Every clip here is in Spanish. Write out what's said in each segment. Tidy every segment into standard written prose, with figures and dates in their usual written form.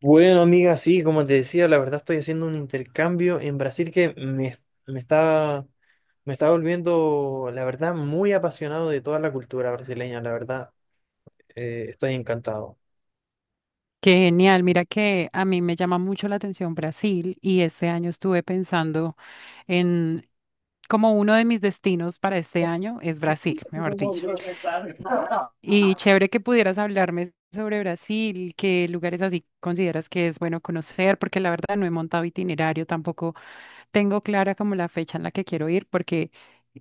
Bueno, amiga, sí, como te decía, la verdad estoy haciendo un intercambio en Brasil que me está, me está volviendo, la verdad, muy apasionado de toda la cultura brasileña, la verdad, estoy encantado. Qué genial, mira que a mí me llama mucho la atención Brasil y este año estuve pensando en como uno de mis destinos para este año es Brasil, mejor dicho. Y chévere que pudieras hablarme sobre Brasil, qué lugares así consideras que es bueno conocer, porque la verdad no he montado itinerario, tampoco tengo clara como la fecha en la que quiero ir, porque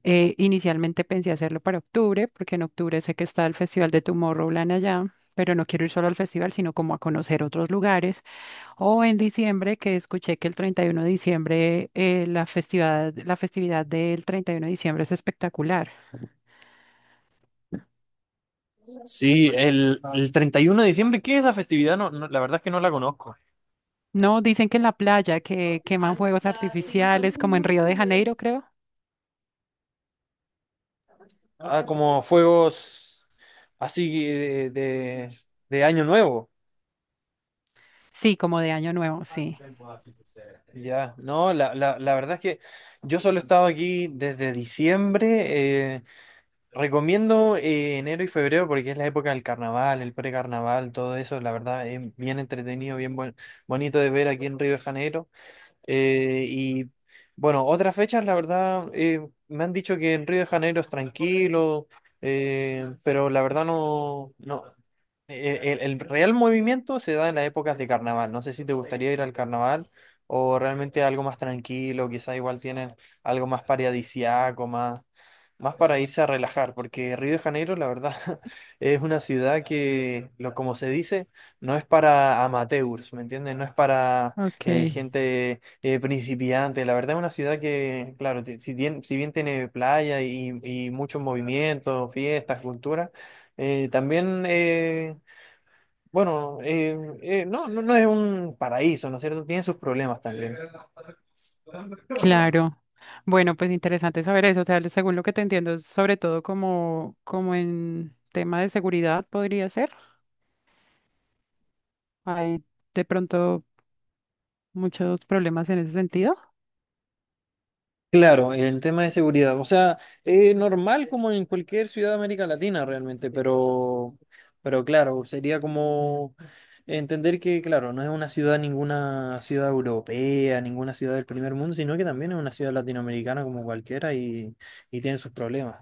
inicialmente pensé hacerlo para octubre, porque en octubre sé que está el Festival de Tomorrowland allá, pero no quiero ir solo al festival, sino como a conocer otros lugares. O en diciembre, que escuché que el 31 de diciembre, la festividad del 31 de diciembre es espectacular. Sí, el 31 de diciembre, ¿qué es esa festividad? No, no, la verdad es que no la conozco. No, dicen que en la playa, que queman fuegos artificiales, como en Río de Janeiro, creo. Ah, como fuegos así de Año Nuevo. Sí, como de Año Nuevo, sí. Ya, no, la verdad es que yo solo he estado aquí desde diciembre. eh, Recomiendo enero y febrero porque es la época del carnaval, el precarnaval, todo eso, la verdad es bien entretenido, bonito de ver aquí en Río de Janeiro. Y bueno, otras fechas, la verdad, me han dicho que en Río de Janeiro es tranquilo, pero la verdad no, no, el real movimiento se da en las épocas de carnaval. No sé si te gustaría ir al carnaval o realmente algo más tranquilo, quizá igual tienen algo más paradisiaco, más para irse a relajar, porque Río de Janeiro, la verdad, es una ciudad que, como se dice, no es para amateurs, ¿me entiendes? No es para Ok, gente principiante. La verdad es una ciudad que, claro, si bien, si bien tiene playa y mucho movimiento, fiestas, cultura, también bueno, eh, no, no, no es un paraíso, ¿no es cierto? Tiene sus problemas también. claro. Bueno, pues interesante saber eso. O sea, según lo que te entiendo, es sobre todo como, como en tema de seguridad podría ser. Hay de pronto muchos problemas en ese sentido. Claro, el tema de seguridad. O sea, normal como en cualquier ciudad de América Latina realmente, pero claro, sería como entender que, claro, no es una ciudad, ninguna ciudad europea, ninguna ciudad del primer mundo, sino que también es una ciudad latinoamericana como cualquiera y tiene sus problemas.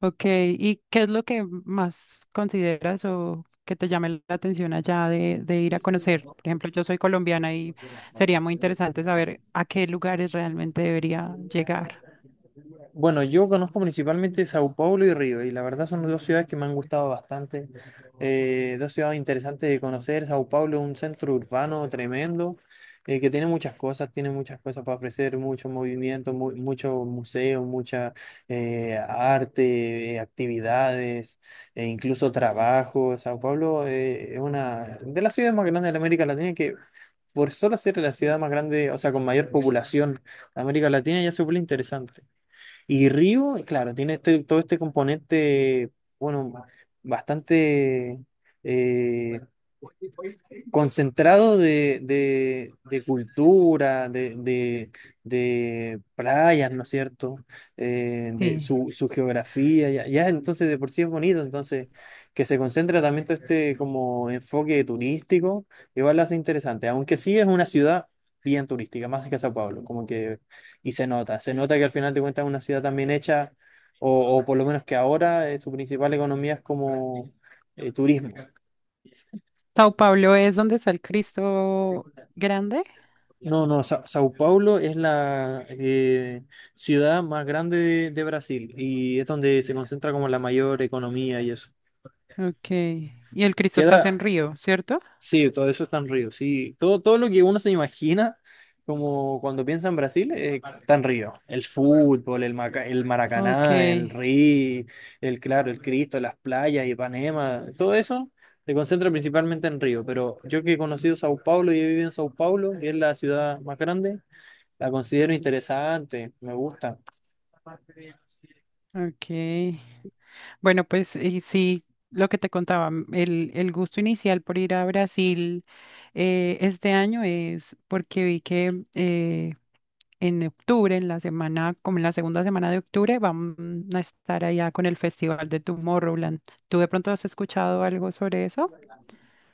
Ok, ¿y qué es lo que más consideras o que te llame la atención allá de ir a conocer? Por ejemplo, yo soy colombiana y sería muy interesante saber a qué lugares realmente debería llegar. Bueno, yo conozco principalmente Sao Paulo y Río, y la verdad son dos ciudades que me han gustado bastante. Dos ciudades interesantes de conocer. Sao Paulo es un centro urbano tremendo, que tiene muchas cosas para ofrecer, mucho movimiento, muchos museos, mucha arte, actividades, e incluso trabajo. Sao Paulo es una de las ciudades más grandes de América Latina que por solo ser la ciudad más grande, o sea, con mayor población de América Latina, ya se vuelve interesante. Y Río, claro, todo este componente, bueno, bastante eh, concentrado de cultura, de playas, ¿no es cierto? Eh, de Sí. su, su geografía, ya entonces de por sí es bonito, entonces que se concentra también todo este como enfoque turístico, igual lo hace interesante, aunque sí es una ciudad bien turística, más que Sao Paulo, como que, y se nota que al final de cuentas es una ciudad también hecha, o por lo menos que ahora su principal economía es como turismo. Sao Paulo es donde está el Cristo grande. No, no, Sao Paulo es la ciudad más grande de Brasil y es donde se concentra como la mayor economía y eso. Ok, y el Cristo está en Queda, Río, ¿cierto? sí, todo eso está en Río, sí, todo, todo lo que uno se imagina como cuando piensa en Brasil está en Río. El fútbol, el Ok, Maracaná, el Río, el Claro, el Cristo, las playas, Ipanema, todo eso se concentra principalmente en Río, pero yo que he conocido Sao Paulo y he vivido en Sao Paulo, que es la ciudad más grande. La considero interesante, me gusta. ok. Bueno, pues sí, lo que te contaba, el gusto inicial por ir a Brasil este año es porque vi que en octubre, en la semana, como en la segunda semana de octubre, van a estar allá con el Festival de Tomorrowland. ¿Tú de pronto has escuchado algo sobre eso?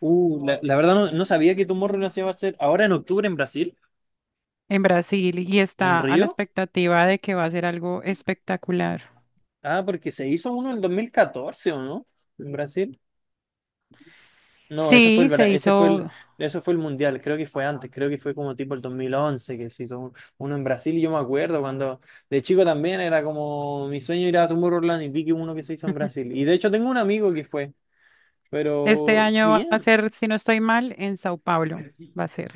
La verdad no, no sabía que Tomorrowland se iba a hacer ahora en octubre en Brasil, En Brasil y en está a la Río. expectativa de que va a ser algo espectacular. Ah, porque se hizo uno en 2014, ¿o no? En Brasil. No, Sí, se hizo, ese fue el Mundial, creo que fue antes, creo que fue como tipo el 2011 que uno en Brasil y yo me acuerdo cuando de chico también era como mi sueño ir a Tomorrowland y vi que uno que se hizo en Brasil. Y de hecho tengo un amigo que fue, este pero año va a bien. ser, si no estoy mal, en Sao Paulo, va a ser.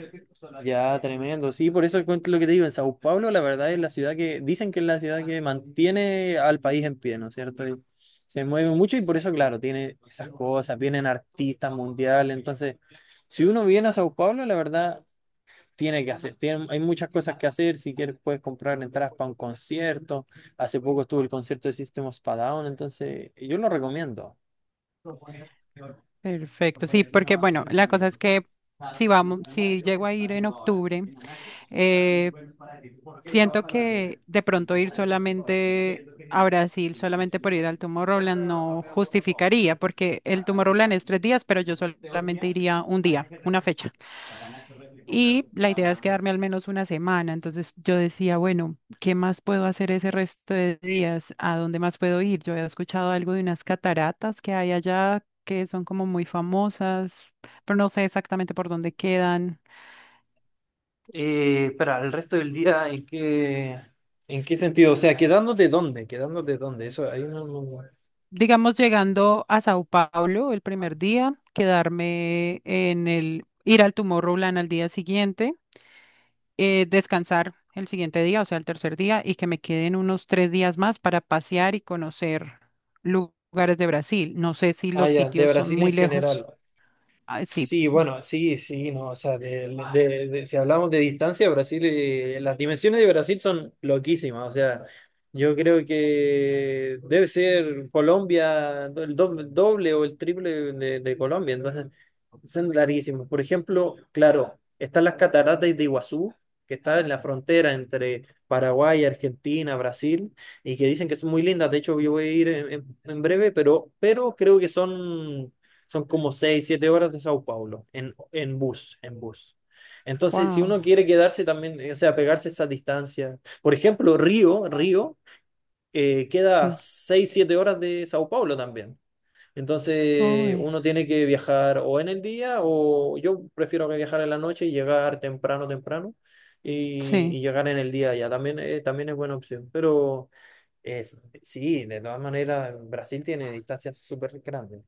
Ya, tremendo. Sí, por eso cuento lo que te digo. En Sao Paulo, la verdad es la ciudad que, dicen que es la ciudad que mantiene al país en pie, ¿no es cierto? Y se mueve mucho y por eso, claro, tiene esas cosas, vienen artistas mundiales. Entonces, si uno viene a Sao Paulo, la verdad, tiene que hacer. Tiene- hay muchas cosas que hacer. Si quieres, puedes comprar entradas para un concierto. Hace poco estuvo el concierto de System of a Down, entonces yo lo recomiendo. Perfecto, sí, porque bueno, la cosa es que si vamos, si llego a ir en octubre, eh, siento que de pronto ir solamente a Brasil, solamente por ir al Tomorrowland, no justificaría, porque el Tomorrowland es 3 días, pero yo solamente iría un día, una fecha. Y la idea es quedarme al menos una semana. Entonces yo decía, bueno, ¿qué más puedo hacer ese resto de días? ¿A dónde más puedo ir? Yo había escuchado algo de unas cataratas que hay allá, que son como muy famosas, pero no sé exactamente por dónde quedan. Para el resto del día, ¿en qué sentido? O sea, ¿quedándote dónde? ¿Quedándote dónde? Eso, ahí no. Digamos, llegando a Sao Paulo el primer día, quedarme en el, ir al Tomorrowland al día siguiente descansar el siguiente día, o sea, el tercer día, y que me queden unos 3 días más para pasear y conocer lugares de Brasil. No sé si Ah, los ya, de sitios son Brasil en muy lejos. general. Ay, sí, Sí, bueno, sí, sí, no, o sea, si hablamos de distancia, Brasil, las dimensiones de Brasil son loquísimas, o sea, yo creo que debe ser Colombia, el doble, doble o el triple de Colombia, entonces son larguísimos. Por ejemplo, claro, están las cataratas de Iguazú, que está en la frontera entre Paraguay, Argentina, Brasil, y que dicen que son muy lindas. De hecho, yo voy a ir en breve, pero creo que son, son como 6 7 horas de Sao Paulo en bus, en bus. Entonces, si wow, uno quiere quedarse también, o sea, pegarse esa distancia. Por ejemplo, Río, Río, queda sí, 6 7 horas de Sao Paulo también. Entonces uy, uno tiene que viajar o en el día o yo prefiero que viajar en la noche y llegar temprano, temprano sí. y llegar en el día ya. También, también es buena opción. Pero es, sí, de todas maneras, Brasil tiene distancias súper grandes.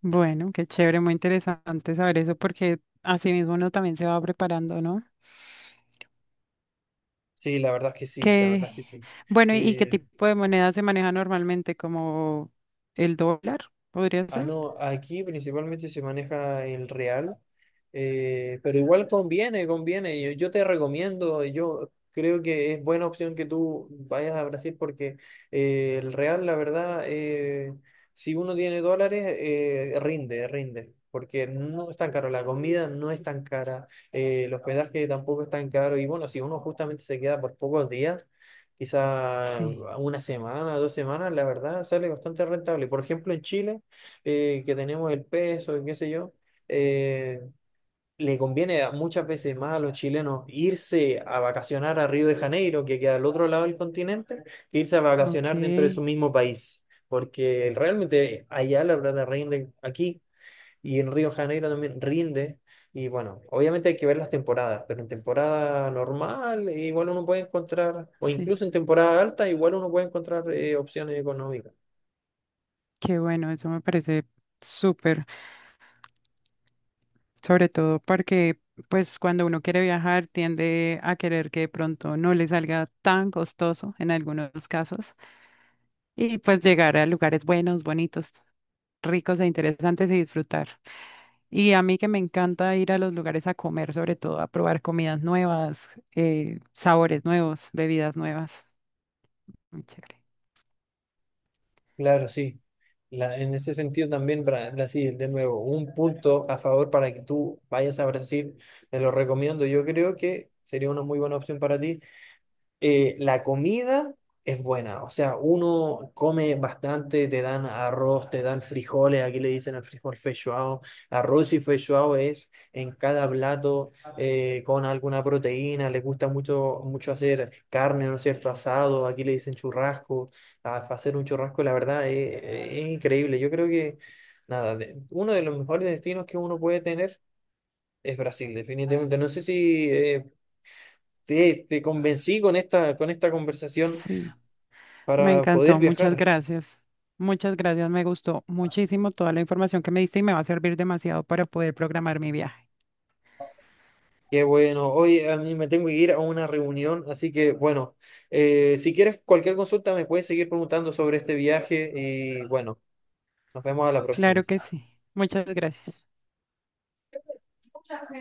Bueno, qué chévere, muy interesante saber eso porque así mismo uno también se va preparando, ¿no? Sí, la verdad es que sí, la Que, verdad es que sí. bueno, ¿y qué Eh, tipo de moneda se maneja normalmente? ¿Como el dólar? ¿Podría Ah, ser? no, aquí principalmente se maneja el real, pero igual conviene, conviene. Yo te recomiendo, yo creo que es buena opción que tú vayas a Brasil porque el real, la verdad, si uno tiene dólares, rinde, rinde, porque no es tan caro, la comida no es tan cara, el hospedaje tampoco es tan caro y bueno, si uno justamente se queda por pocos días. Quizá Sí, una semana, dos semanas, la verdad sale bastante rentable. Por ejemplo, en Chile, que tenemos el peso y qué sé yo, eh, muchas veces más a los chilenos irse a vacacionar a Río de Janeiro, que queda al otro lado del continente, que irse a ok, vacacionar dentro de su mismo país, porque realmente allá la plata rinde aquí y en Río de Janeiro también rinde. Y bueno, obviamente hay que ver las temporadas, pero en temporada normal igual uno puede encontrar, o sí. incluso en temporada alta, igual uno puede encontrar opciones económicas. Qué bueno, eso me parece súper, sobre todo porque pues cuando uno quiere viajar tiende a querer que de pronto no le salga tan costoso en algunos casos y pues llegar a lugares buenos, bonitos, ricos e interesantes y disfrutar. Y a mí que me encanta ir a los lugares a comer, sobre todo a probar comidas nuevas, sabores nuevos, bebidas nuevas. Muy chévere. Claro, sí. En ese sentido también Brasil, de nuevo, un punto a favor para que tú vayas a Brasil, te lo recomiendo, yo creo que sería una muy buena opción para ti. La comida es buena, o sea, uno come bastante, te dan arroz, te dan frijoles, aquí le dicen el frijol feijoao, arroz y feijoao es en cada plato con alguna proteína, les gusta mucho, mucho hacer carne, ¿no es cierto? Asado, aquí le dicen churrasco, hacer un churrasco, la verdad, es increíble, yo creo que, nada, uno de los mejores destinos que uno puede tener es Brasil, definitivamente, no sé si... te, te convencí con esta conversación Sí. Me para poder encantó, muchas viajar. gracias. Muchas gracias, me gustó muchísimo toda la información que me diste y me va a servir demasiado para poder programar mi viaje. Qué bueno, hoy a mí me tengo que ir a una reunión, así que bueno, si quieres cualquier consulta me puedes seguir preguntando sobre este viaje y bueno, nos vemos a la próxima. Claro que sí. Muchas gracias.